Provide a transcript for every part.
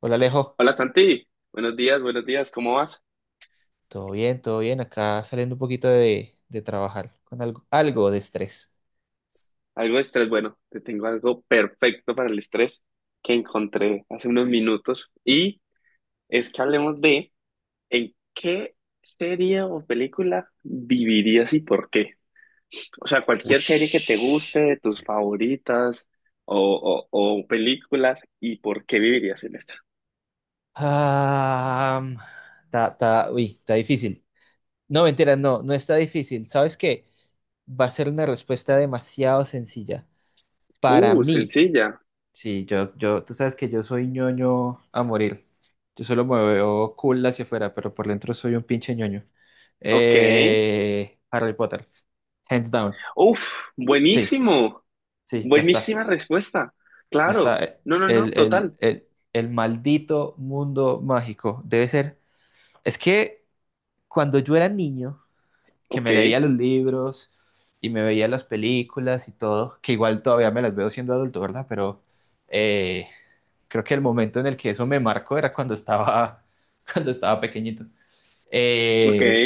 Hola Alejo, Hola Santi, buenos días, ¿cómo vas? Todo bien, acá saliendo un poquito de trabajar con algo, algo de estrés. Algo de estrés, bueno, te tengo algo perfecto para el estrés que encontré hace unos minutos y es que hablemos de en qué serie o película vivirías y por qué. O sea, cualquier serie que te guste, Ush. de tus favoritas o películas y por qué vivirías en esta. Ah, mm, Uy, está difícil. No, mentira, no, no está difícil. ¿Sabes qué? Va a ser una respuesta demasiado sencilla. Para mí, Sencilla, sí, yo, tú sabes que yo soy ñoño a morir. Yo solo me veo cool hacia afuera, pero por dentro soy un pinche ñoño. ok. Harry Potter, hands down. Uf, Sí, buenísimo, sí, ya está. buenísima respuesta, Está claro. No, no, no, el, el, total. el, el maldito mundo mágico. Debe ser. Es que cuando yo era niño, que Ok, me leía los libros y me veía las películas y todo, que igual todavía me las veo siendo adulto, ¿verdad? Pero eh, creo que el momento en el que eso me marcó era cuando estaba, cuando estaba pequeñito. ok. Eh,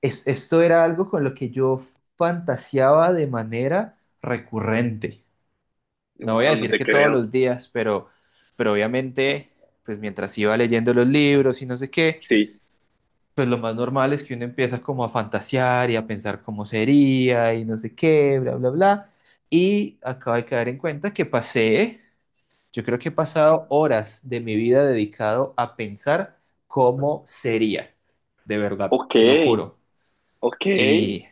Esto era algo con lo que yo fantaseaba de manera recurrente, no voy a Wow, no decir te que todos creo. los días, pero obviamente, pues mientras iba leyendo los libros y no sé qué, Sí. pues lo más normal es que uno empieza como a fantasear y a pensar cómo sería y no sé qué, bla, bla, bla. Y acabo de caer en cuenta que pasé, yo creo que he pasado horas de mi vida dedicado a pensar cómo sería, de verdad, Ok, te lo juro. ok. Y,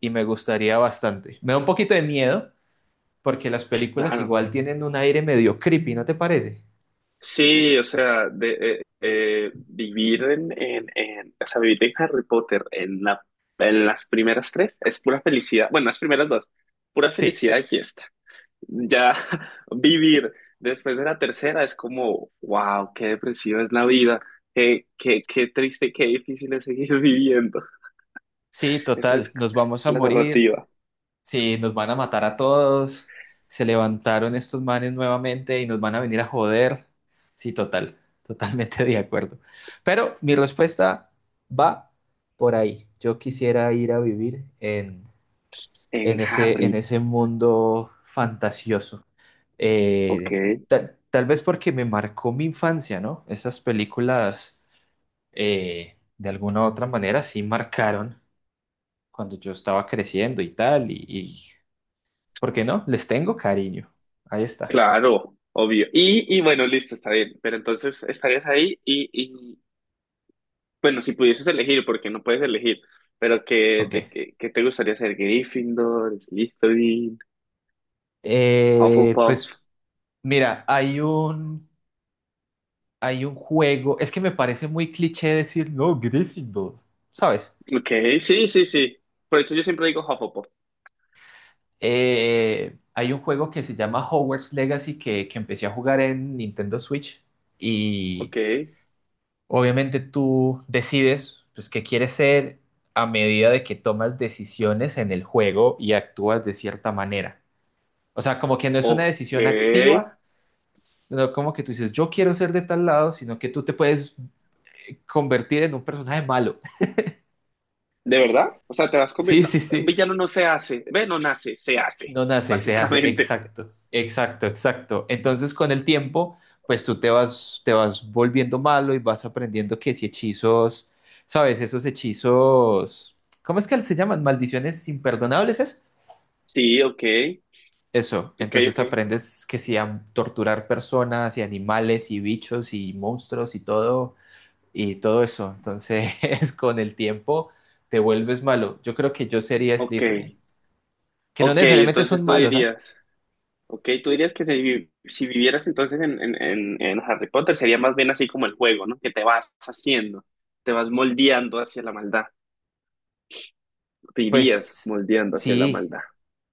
y me gustaría bastante. Me da un poquito de miedo porque las películas Claro. igual tienen un aire medio creepy, ¿no te parece? Sí, o sea, de, vivir en, o sea, vivir en Harry Potter en la, en las primeras tres es pura felicidad. Bueno, las primeras dos, pura Sí, felicidad y fiesta. Ya vivir después de la tercera es como, wow, qué depresiva es la vida. Qué triste, qué difícil es seguir viviendo. sí, Esa total, es nos vamos a la morir, narrativa sí, nos van a matar a todos, se levantaron estos manes nuevamente y nos van a venir a joder. Sí, total, totalmente de acuerdo. Pero mi respuesta va por ahí. Yo quisiera ir a vivir en en Harry. ese mundo fantasioso. Ok. Eh, Tal vez porque me marcó mi infancia, ¿no? Esas películas, de alguna u otra manera, sí marcaron cuando yo estaba creciendo y tal, y ¿por qué no? Les tengo cariño. Ahí está. Claro, obvio. Y bueno, listo, está bien. Pero entonces estarías ahí y bueno, si pudieses elegir, porque no puedes elegir, pero que, de Ok. que, que te gustaría ser Gryffindor, Slytherin, Hufflepuff. Pues mira, hay un juego, es que me parece muy cliché decir, no, Gryffindor, ¿sabes? Ok, sí, sí, sí. Por eso yo siempre digo Hufflepuff. Hay un juego que se llama Hogwarts Legacy que empecé a jugar en Nintendo Switch y Ok, obviamente tú decides pues, qué quieres ser a medida de que tomas decisiones en el juego y actúas de cierta manera. O sea, como que no es una ok. decisión ¿De activa, no como que tú dices, yo quiero ser de tal lado, sino que tú te puedes convertir en un personaje malo. verdad? O sea, te vas con... Sí, No, sí, un sí. villano no se hace. Ve, no nace, se hace, No nace, se hace. básicamente. Exacto, exacto, exacto. Entonces, con el tiempo, pues tú te vas volviendo malo y vas aprendiendo que si hechizos, ¿sabes? Esos hechizos, ¿cómo es que se llaman? Maldiciones imperdonables, ¿es? Sí, ok, Eso. ok, Entonces ok, aprendes que si a torturar personas y animales y bichos y monstruos y todo eso. Entonces, con el tiempo te vuelves malo. Yo creo que yo sería ok. Slytherin, que no Ok, necesariamente son entonces tú malos, ¿ah? dirías... Ok, tú dirías que si, si vivieras entonces en Harry Potter sería más bien así como el juego, ¿no? Que te vas haciendo, te vas moldeando hacia la maldad, te irías Pues moldeando hacia la sí, maldad.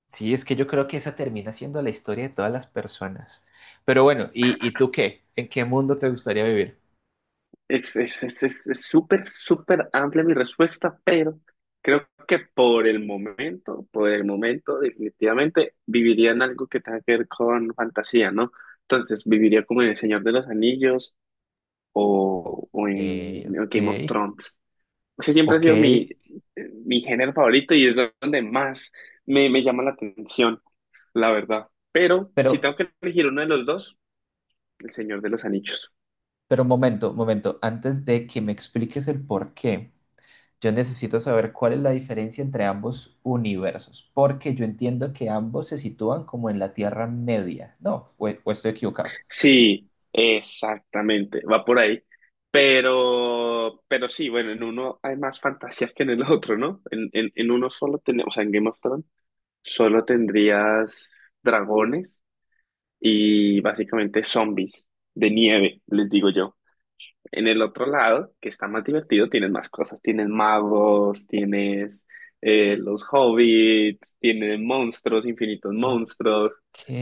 sí, es que yo creo que esa termina siendo la historia de todas las personas. Pero bueno, y tú qué? ¿En qué mundo te gustaría vivir? Es súper, súper amplia mi respuesta, pero creo que por el momento definitivamente viviría en algo que tenga que ver con fantasía, ¿no? Entonces viviría como en El Señor de los Anillos Ok, o en Game of ok, Thrones. Ese siempre ha ok. sido mi, mi género favorito y es donde más me llama la atención, la verdad. Pero Pero, si tengo que elegir uno de los dos, El Señor de los Anillos. pero momento, momento, antes de que me expliques el por qué, yo necesito saber cuál es la diferencia entre ambos universos, porque yo entiendo que ambos se sitúan como en la Tierra Media. No, o estoy equivocado. Sí, exactamente, va por ahí. Pero sí, bueno, en uno hay más fantasías que en el otro, ¿no? En uno solo tenemos, o sea, en Game of Thrones, solo tendrías dragones y básicamente zombies de nieve, les digo yo. En el otro lado, que está más divertido, tienes más cosas. Tienes magos, tienes los hobbits, tienes monstruos, infinitos Ok. monstruos.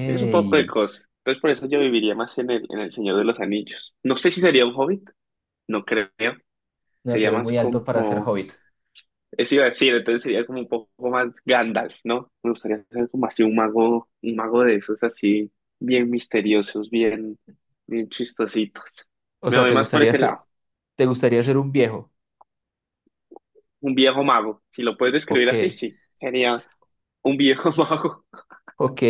Tienes un poco de cosas. Entonces, por eso yo viviría más en el Señor de los Anillos. No sé si sería un hobbit, no creo. No, tú Sería eres más muy alto para ser como, hobbit. eso iba a decir, entonces sería como un poco más Gandalf, ¿no? Me gustaría ser como así un mago de esos así, bien misteriosos, bien, bien chistositos. O Me sea, voy más por ese lado. te gustaría ser un viejo? Un viejo mago. Si lo puedes describir Ok, así, sí. Sería un viejo mago. ok.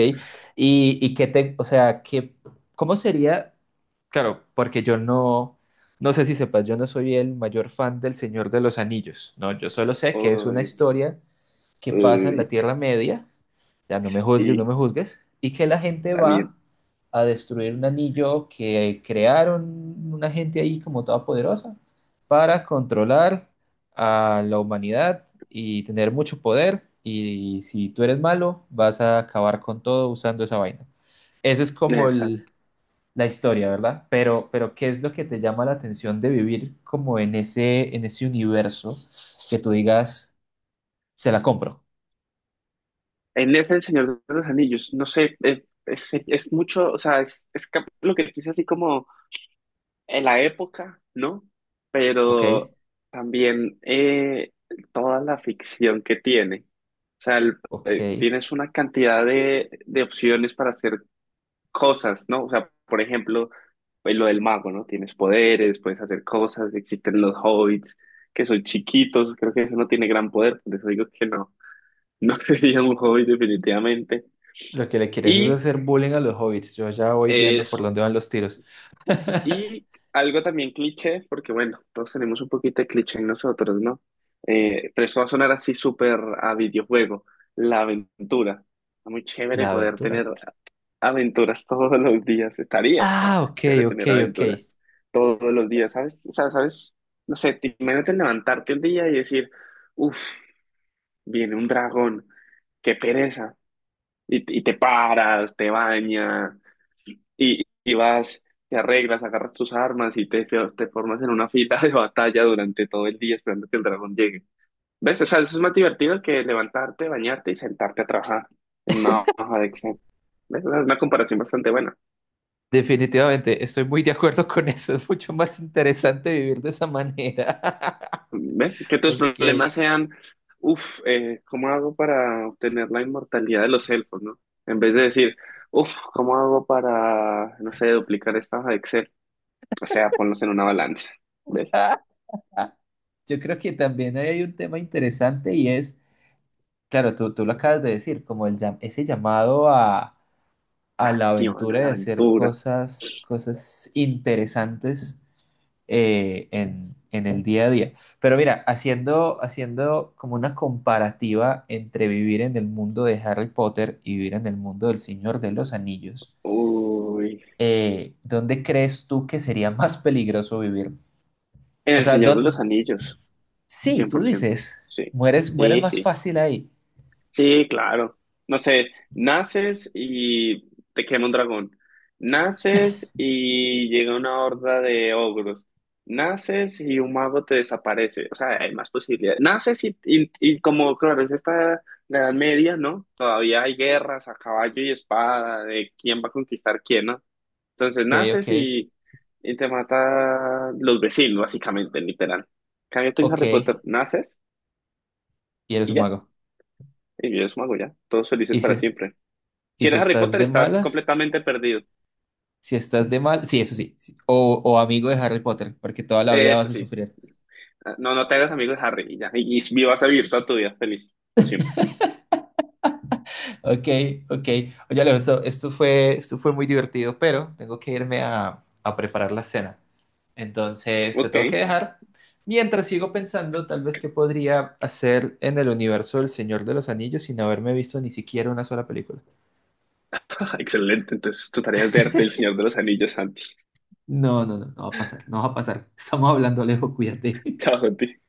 Y qué te, o sea, qué, cómo sería? Claro, porque yo no, no sé si sepas, yo no soy el mayor fan del Señor de los Anillos. No, yo solo sé que es una Uy, historia que pasa en uy, la Tierra Media, ya no me juzgues, no sí, me juzgues, y que la gente está bien. va a destruir un anillo que crearon una gente ahí como toda poderosa para controlar a la humanidad y tener mucho poder. Y si tú eres malo, vas a acabar con todo usando esa vaina. Esa es como Exacto. la historia, ¿verdad? Pero ¿qué es lo que te llama la atención de vivir como en ese universo que tú digas, se la compro, En ese El Señor de los Anillos, no sé, es mucho, o sea, es lo que dice así como en la época, ¿no? ¿ok? Pero también toda la ficción que tiene. O sea, el- Ok. Tienes una cantidad de opciones para hacer cosas, ¿no? O sea, por ejemplo, pues, lo del mago, ¿no? Tienes poderes, puedes hacer cosas, existen los hobbits, que son chiquitos, creo que eso no tiene gran poder, por eso digo que no, no sería un hobbit definitivamente. Lo que le quieres es Y hacer bullying a los hobbits. Yo ya voy viendo por eso. dónde van los tiros. Y algo también cliché, porque bueno, todos tenemos un poquito de cliché en nosotros, ¿no? Pero eso va a sonar así súper a videojuego, la aventura. Está muy chévere La poder tener aventura. aventuras todos los días. Estaría Ah, ok, chévere ok, tener ok. aventuras todos los días, ¿sabes? O sea, ¿sabes? No sé, imagínate levantarte un día y decir, uff, viene un dragón, qué pereza. Y te paras, te bañas y vas, te arreglas, agarras tus armas y te formas en una fila de batalla durante todo el día esperando que el dragón llegue. ¿Ves? O sea, eso es más divertido que levantarte, bañarte y sentarte a trabajar en una hoja de Excel. ¿Ves? Es una comparación bastante buena. Definitivamente, estoy muy de acuerdo con eso. Es mucho más interesante vivir de esa manera. ¿Ves? Que tus Ok. problemas sean, uff, ¿cómo hago para obtener la inmortalidad de los elfos, no? En vez de decir, uff, ¿cómo hago para, no sé, duplicar esta hoja de Excel? O sea, ponlos en una balanza. ¿Ves? Yo creo que también hay un tema interesante y es, claro, tú lo acabas de decir, como ese llamado a la Acción a aventura la de hacer aventura. cosas, cosas interesantes en el día a día. Pero mira, haciendo, haciendo como una comparativa entre vivir en el mundo de Harry Potter y vivir en el mundo del Señor de los Anillos, Uy, ¿dónde crees tú que sería más peligroso vivir? en O El sea, Señor de ¿dónde... los Anillos, sí, cien tú por ciento, dices, Sí, mueres, mueres sí, más sí, fácil ahí. sí, claro. No sé, naces y te quema un dragón. Naces y llega una horda de ogros. Naces y un mago te desaparece. O sea, hay más posibilidades. Naces y como, claro, es esta la Edad Media, ¿no? Todavía hay guerras a caballo y espada de quién va a conquistar quién, ¿no? Entonces Ok, ok, naces y te mata los vecinos, básicamente, literal. En cambio tú en ok, Harry Potter, naces y eres y un ya, mago. y vives mago ya, todos felices ¿Y para si, siempre. y Si si eres Harry estás Potter, de estás malas? completamente perdido. Si estás de mal, sí, eso sí, sí. O amigo de Harry Potter, porque toda la vida Eso vas a sí. sufrir. Ah, no, no te hagas amigo de Harry y ya, y vivas a vivir toda tu vida feliz, por siempre. Ok, ok. Oye, Alejo, esto, esto fue muy divertido, pero tengo que irme a preparar la cena. Entonces, te Ok, tengo que dejar. Mientras sigo pensando, tal vez qué podría hacer en el universo del Señor de los Anillos sin haberme visto ni siquiera una sola película. excelente, entonces tu tarea es verte el Señor de los Anillos, Santi. No, no, no, no va a pasar, no va a pasar. Estamos hablando, Alejo, cuídate. Chao, Santi.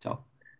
Chao.